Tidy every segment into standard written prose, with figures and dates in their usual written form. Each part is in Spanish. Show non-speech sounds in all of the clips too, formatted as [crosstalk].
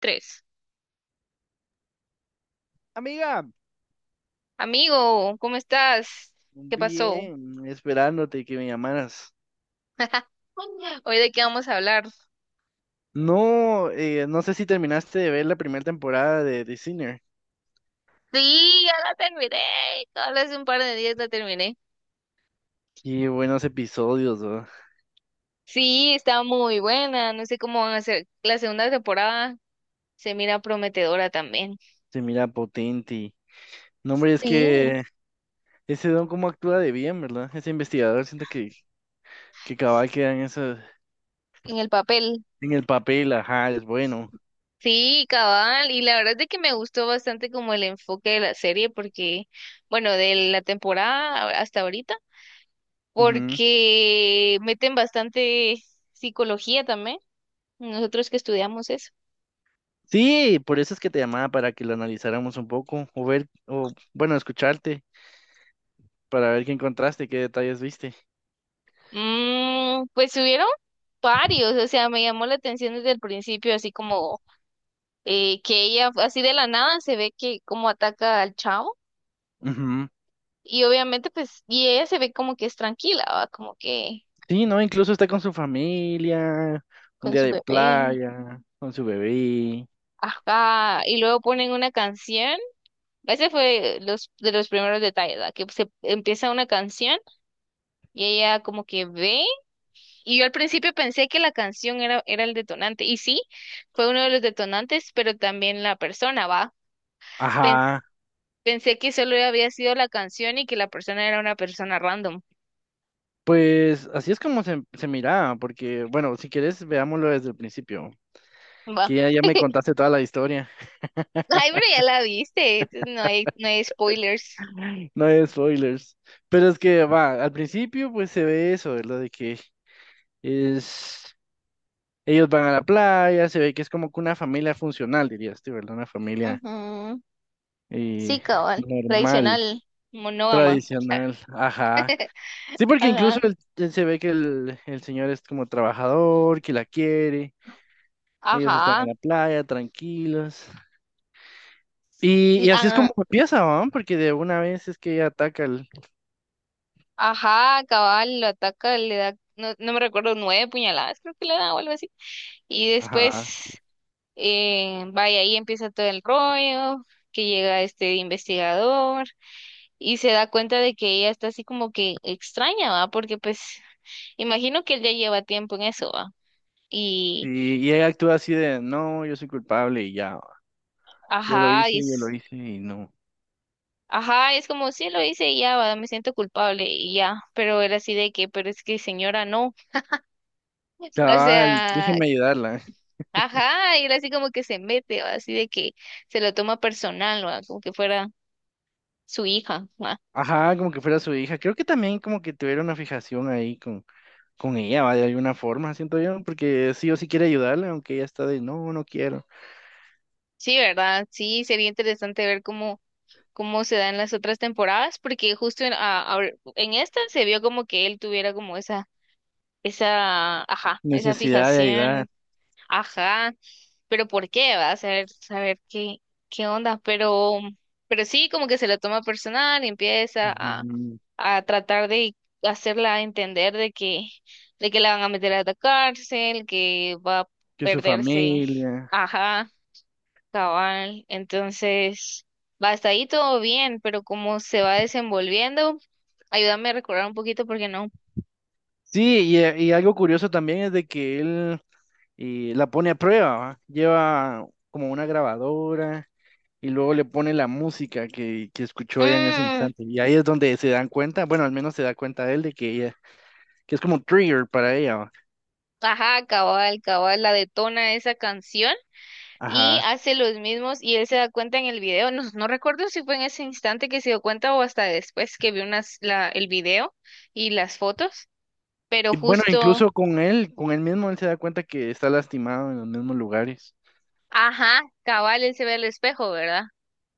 Tres. Amiga, Amigo, ¿cómo estás? ¿Qué pasó? bien, esperándote que me llamaras. [laughs] Hoy de qué vamos a hablar. No, no sé si terminaste de ver la primera temporada de The Sinner. Sí, ya la terminé. Solo hace un par de días la terminé. Qué buenos episodios, ¿no? Sí, está muy buena. No sé cómo van a ser. La segunda temporada se mira prometedora también. Se mira potente. No, hombre, es Sí, que ese don cómo actúa de bien, ¿verdad? Ese investigador siento que cabal queda en eso, en el papel. en el papel, ajá, es bueno. Sí, cabal. Y la verdad es de que me gustó bastante como el enfoque de la serie porque, bueno, de la temporada hasta ahorita, Ujú. porque meten bastante psicología también. Nosotros que estudiamos eso. Sí, por eso es que te llamaba para que lo analizáramos un poco, o ver, o bueno, escucharte, para ver qué encontraste, qué detalles viste. Mm, pues hubieron varios, o sea, me llamó la atención desde el principio, así como que ella, así de la nada, se ve que como ataca al chavo, Ujú. y obviamente, pues, y ella se ve como que es tranquila, ¿va? Como que Sí, ¿no? Incluso está con su familia, un con día su de bebé, playa, con su bebé. ajá, y luego ponen una canción, ese fue los, de los primeros detalles, ¿va? Que se empieza una canción y ella como que ve. Y yo al principio pensé que la canción era el detonante, y sí, fue uno de los detonantes, pero también la persona, ¿va? Pens- Ajá. pensé que solo había sido la canción y que la persona era una persona random, Pues así es como se miraba, porque, bueno, si quieres, veámoslo desde el principio, ¿va? que ya, [laughs] ya me contaste toda la historia. Ay, pero ya la viste, entonces no hay spoilers. [laughs] No hay spoilers. Pero es que, va, al principio, pues se ve eso, lo de que es... Ellos van a la playa, se ve que es como que una familia funcional, dirías tú, ¿verdad? Una familia Ujú. Sí, eh, cabal, normal, tradicional, monógama. tradicional. Ajá. [laughs] Sí, porque incluso Ajá, se ve que el señor es como trabajador, que la quiere, ellos están en ajá, la playa, tranquilos. Sí, Y así es ah, como empieza, ¿no? Porque de una vez es que ella ataca al... ajá, cabal, lo ataca, le da, no, no me recuerdo, nueve puñaladas, creo que le da o algo así. Y Ajá. después eh, vaya, ahí empieza todo el rollo, que llega este investigador y se da cuenta de que ella está así como que extraña, ¿va? Porque pues imagino que él ya lleva tiempo en eso, ¿va? Sí, Y y ella actúa así de, no, yo soy culpable y ya, ajá, y yo lo es, hice y no. ajá, es como sí lo hice y ya, ¿va? Me siento culpable y ya, pero era así de que, pero es que señora, no. O Cabal, sea, déjeme ayudarla. ajá, y él así como que se mete, ¿va? Así de que se lo toma personal, ¿va? Como que fuera su hija, ¿va? Ajá, como que fuera su hija. Creo que también como que tuviera una fijación ahí con ella, ¿va? De alguna forma, siento yo, porque sí o sí quiere ayudarla, aunque ella está de, no, no quiero. Sí, ¿verdad? Sí, sería interesante ver cómo cómo se da en las otras temporadas, porque justo en esta se vio como que él tuviera como ajá, esa Necesidad de ayudar. fijación, ajá, pero ¿por qué? Va a saber, saber qué, qué onda, pero sí, como que se lo toma personal y empieza Ujú. a tratar de hacerla entender de que la van a meter a la cárcel, que va a Que su perderse, familia. ajá. Cabal, entonces, va hasta ahí todo bien, pero cómo se va desenvolviendo, ayúdame a recordar un poquito porque no. Sí, y algo curioso también es de que él la pone a prueba, ¿va? Lleva como una grabadora y luego le pone la música que escuchó ella en ese Mm, instante. Y ahí es donde se dan cuenta, bueno, al menos se da cuenta él de que ella, que es como un trigger para ella, ¿va? ajá, cabal, cabal, la detona esa canción y Ajá. hace los mismos y él se da cuenta en el video, no, no recuerdo si fue en ese instante que se dio cuenta o hasta después que vio unas, la, el video y las fotos, pero Y bueno, justo, incluso con él mismo, él se da cuenta que está lastimado en los mismos lugares. ajá, cabal, él se ve al espejo, ¿verdad?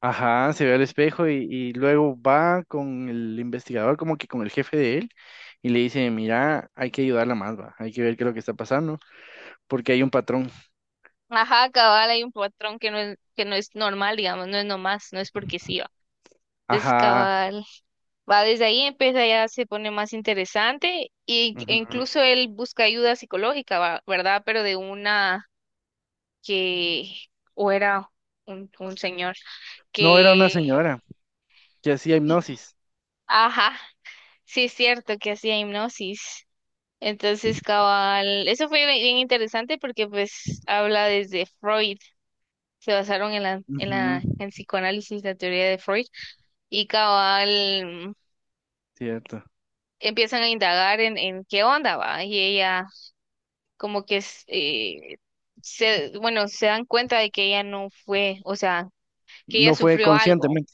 Ajá, se ve al espejo y luego va con el investigador, como que con el jefe de él, y le dice, mira, hay que ayudarla más, va, hay que ver qué es lo que está pasando, porque hay un patrón. Ajá, cabal, hay un patrón que no es normal, digamos, no es nomás, no es porque sí, va. Es Ajá, cabal. Va, desde ahí empieza ya se pone más interesante y, e ujú. incluso él busca ayuda psicológica, va, ¿verdad? Pero de una que, o era un señor No era una que, señora que hacía sí, hipnosis. ajá, sí es cierto que hacía hipnosis. Entonces, cabal, eso fue bien bien interesante porque pues habla desde Freud, se basaron en la, en Ujú. la, en psicoanálisis, la teoría de Freud. Y cabal, Cierto. empiezan a indagar en qué onda va y ella como que es, se, bueno, se dan cuenta de que ella no fue, o sea, que ella No fue sufrió algo. conscientemente.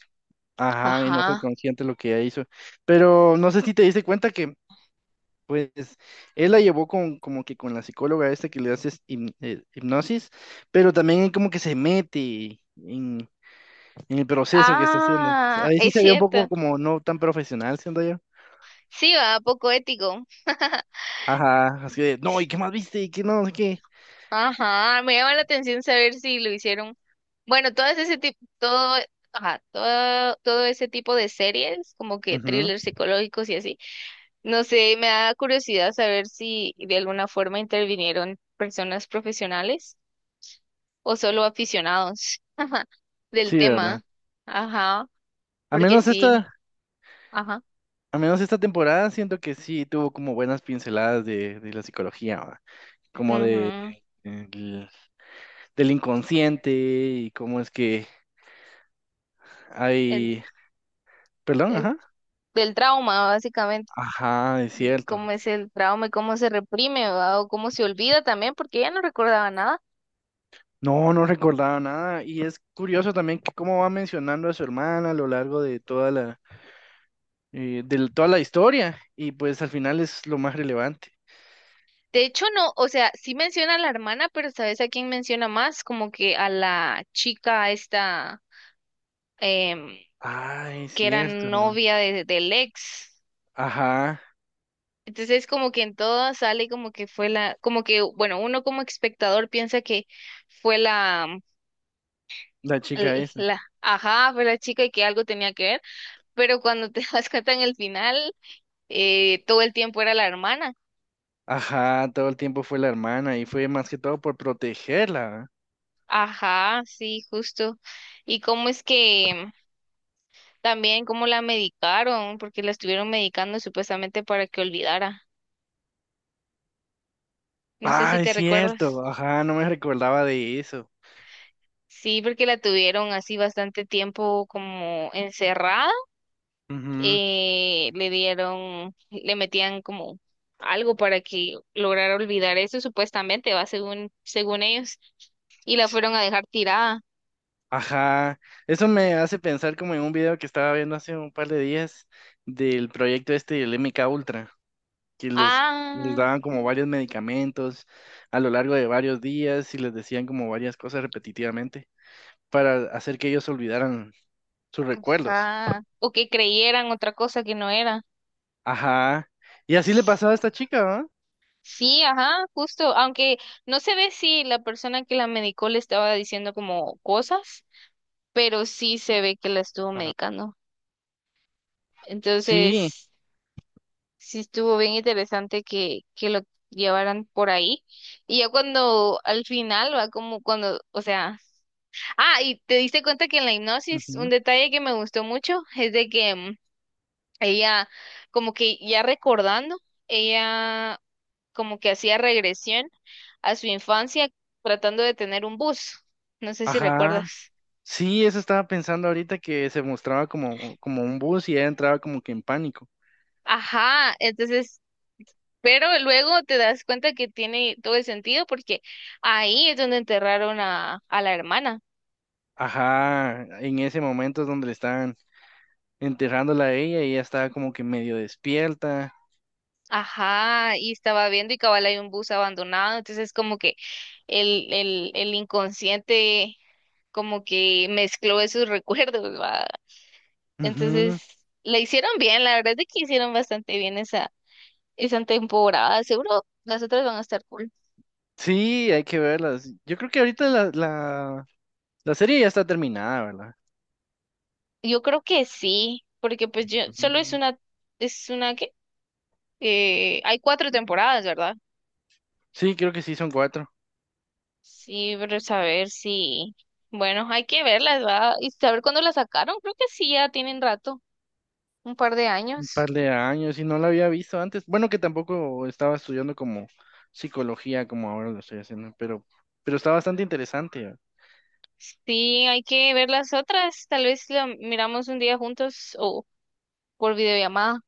Ajá, y no fue Ajá. consciente lo que ella hizo. Pero no sé si te diste cuenta que, pues, él la llevó con, como que con la psicóloga esta que le hace hipnosis, pero también él como que se mete en el proceso que está haciendo. Ah, Ahí sí es se ve un poco cierto. como no tan profesional, siento yo. Sí, va, poco ético. [laughs] Ajá, así de, no, ¿y qué más viste? ¿Y qué no? No sé qué. Ajá, me llama la atención saber si lo hicieron. Bueno, todo ese tipo, todo, ajá, todo, todo ese tipo de series, como que Ujú. thrillers psicológicos y así no sé, me da curiosidad saber si de alguna forma intervinieron personas profesionales o solo aficionados [laughs] ajá, del Sí, ¿verdad? tema. Ajá, Al porque menos sí, esta, ajá. al menos esta temporada siento que sí tuvo como buenas pinceladas de la psicología, ¿va? Como de, Ujú. Del inconsciente y cómo es que El, hay... Perdón, el- ajá. del trauma, básicamente, Ajá, es de cierto. cómo es el trauma y cómo se reprime, ¿verdad? O cómo se olvida también, porque ella no recordaba nada. No, no recordaba nada. Y es curioso también que cómo va mencionando a su hermana a lo largo de toda la historia y pues al final es lo más relevante. De hecho, no, o sea, sí menciona a la hermana, pero ¿sabes a quién menciona más? Como que a la chica esta, em, Ah, es que era cierto. ¿No? novia de- del ex. Ajá, Entonces como que en todas sale como que fue la, como que, bueno, uno como espectador piensa que fue la, la chica esa. Ajá, fue la chica y que algo tenía que ver, pero cuando te [laughs] das cuenta en el final, todo el tiempo era la hermana. Ajá, todo el tiempo fue la hermana y fue más que todo por protegerla, ¿verdad? Ajá, sí, justo. Y cómo es que también cómo la medicaron, porque la estuvieron medicando supuestamente para que olvidara. No sé si Ah, es te recuerdas. cierto. Ajá, no me recordaba de eso. Sí, porque la tuvieron así bastante tiempo como encerrada. Ujú. Le dieron, le metían como algo para que lograra olvidar eso, supuestamente, va según, según ellos, y la fueron a dejar tirada. Ajá, eso me hace pensar como en un video que estaba viendo hace un par de días del proyecto este del MK Ultra. Que los les Ah, daban como varios medicamentos a lo largo de varios días y les decían como varias cosas repetitivamente para hacer que ellos olvidaran sus recuerdos. ajá. O que creyeran otra cosa que no era. Ajá. Y así le pasaba a esta chica, ¿verdad? Sí, ajá, justo, aunque no se ve si la persona que la medicó le estaba diciendo como cosas, pero sí se ve que la estuvo medicando. Sí. Entonces, sí estuvo bien interesante que lo llevaran por ahí. Y ya cuando al final va como cuando, o sea, ah, y te diste cuenta que en la hipnosis un Ujú. detalle que me gustó mucho es de que ella como que ya recordando, ella como que hacía regresión a su infancia tratando de tener un bus. No sé si Ajá. recuerdas. Sí, eso estaba pensando ahorita que se mostraba como, como un bus y ella entraba como que en pánico. Ajá, entonces pero luego te das cuenta que tiene todo el sentido porque ahí es donde enterraron a la hermana. Ajá, en ese momento es donde le estaban enterrándola a ella y ella estaba como que medio despierta. Ajá, y estaba viendo y cabal hay un bus abandonado, entonces como que el inconsciente como que mezcló esos [laughs] recuerdos, ¿va? Entonces, Ujú. la hicieron bien, la verdad es de que hicieron bastante bien esa, esa temporada. Seguro las otras van a estar cool. Sí, hay que verlas. Yo creo que ahorita la serie ya está terminada, ¿verdad? Yo creo que sí, porque pues yo, solo Ujú. Es una que, hay cuatro temporadas, ¿verdad? Sí, creo que sí, son cuatro. Sí, pero saber si, bueno, hay que verlas, va, y saber cuándo las sacaron, creo que sí, ya tienen rato, un par de Un años. par de años y no la había visto antes. Bueno, que tampoco estaba estudiando como psicología como ahora lo estoy haciendo, pero está bastante interesante. Sí, hay que ver las otras, tal vez la miramos un día juntos o por videollamada.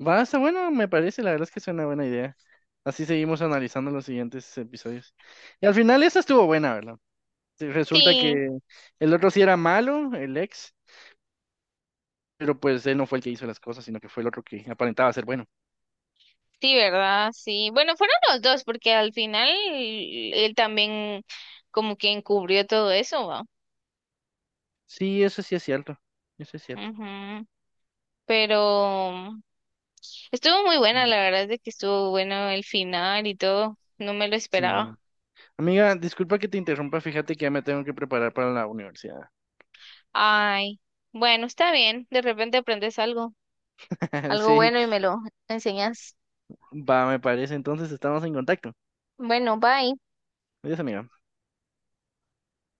Va, está bueno, me parece, la verdad es que es una buena idea. Así seguimos analizando los siguientes episodios. Y al final esa estuvo buena, ¿verdad? Sí, resulta Sí, que el otro sí era malo, el ex, pero pues él no fue el que hizo las cosas, sino que fue el otro que aparentaba ser bueno. sí, ¿verdad? Sí, bueno, fueron los dos, porque al final él también como que encubrió todo eso, va. Sí, eso sí es cierto. Eso es cierto. Ujú. Pero estuvo muy buena, No, la verdad es de que estuvo bueno el final y todo, no me lo sí, esperaba. no. Amiga, disculpa que te interrumpa, fíjate que ya me tengo que preparar para la universidad. Ay, bueno, está bien. De repente aprendes algo, [laughs] algo Sí, bueno y me lo enseñas. va, me parece. Entonces estamos en contacto. Bueno, bye. Adiós, amiga.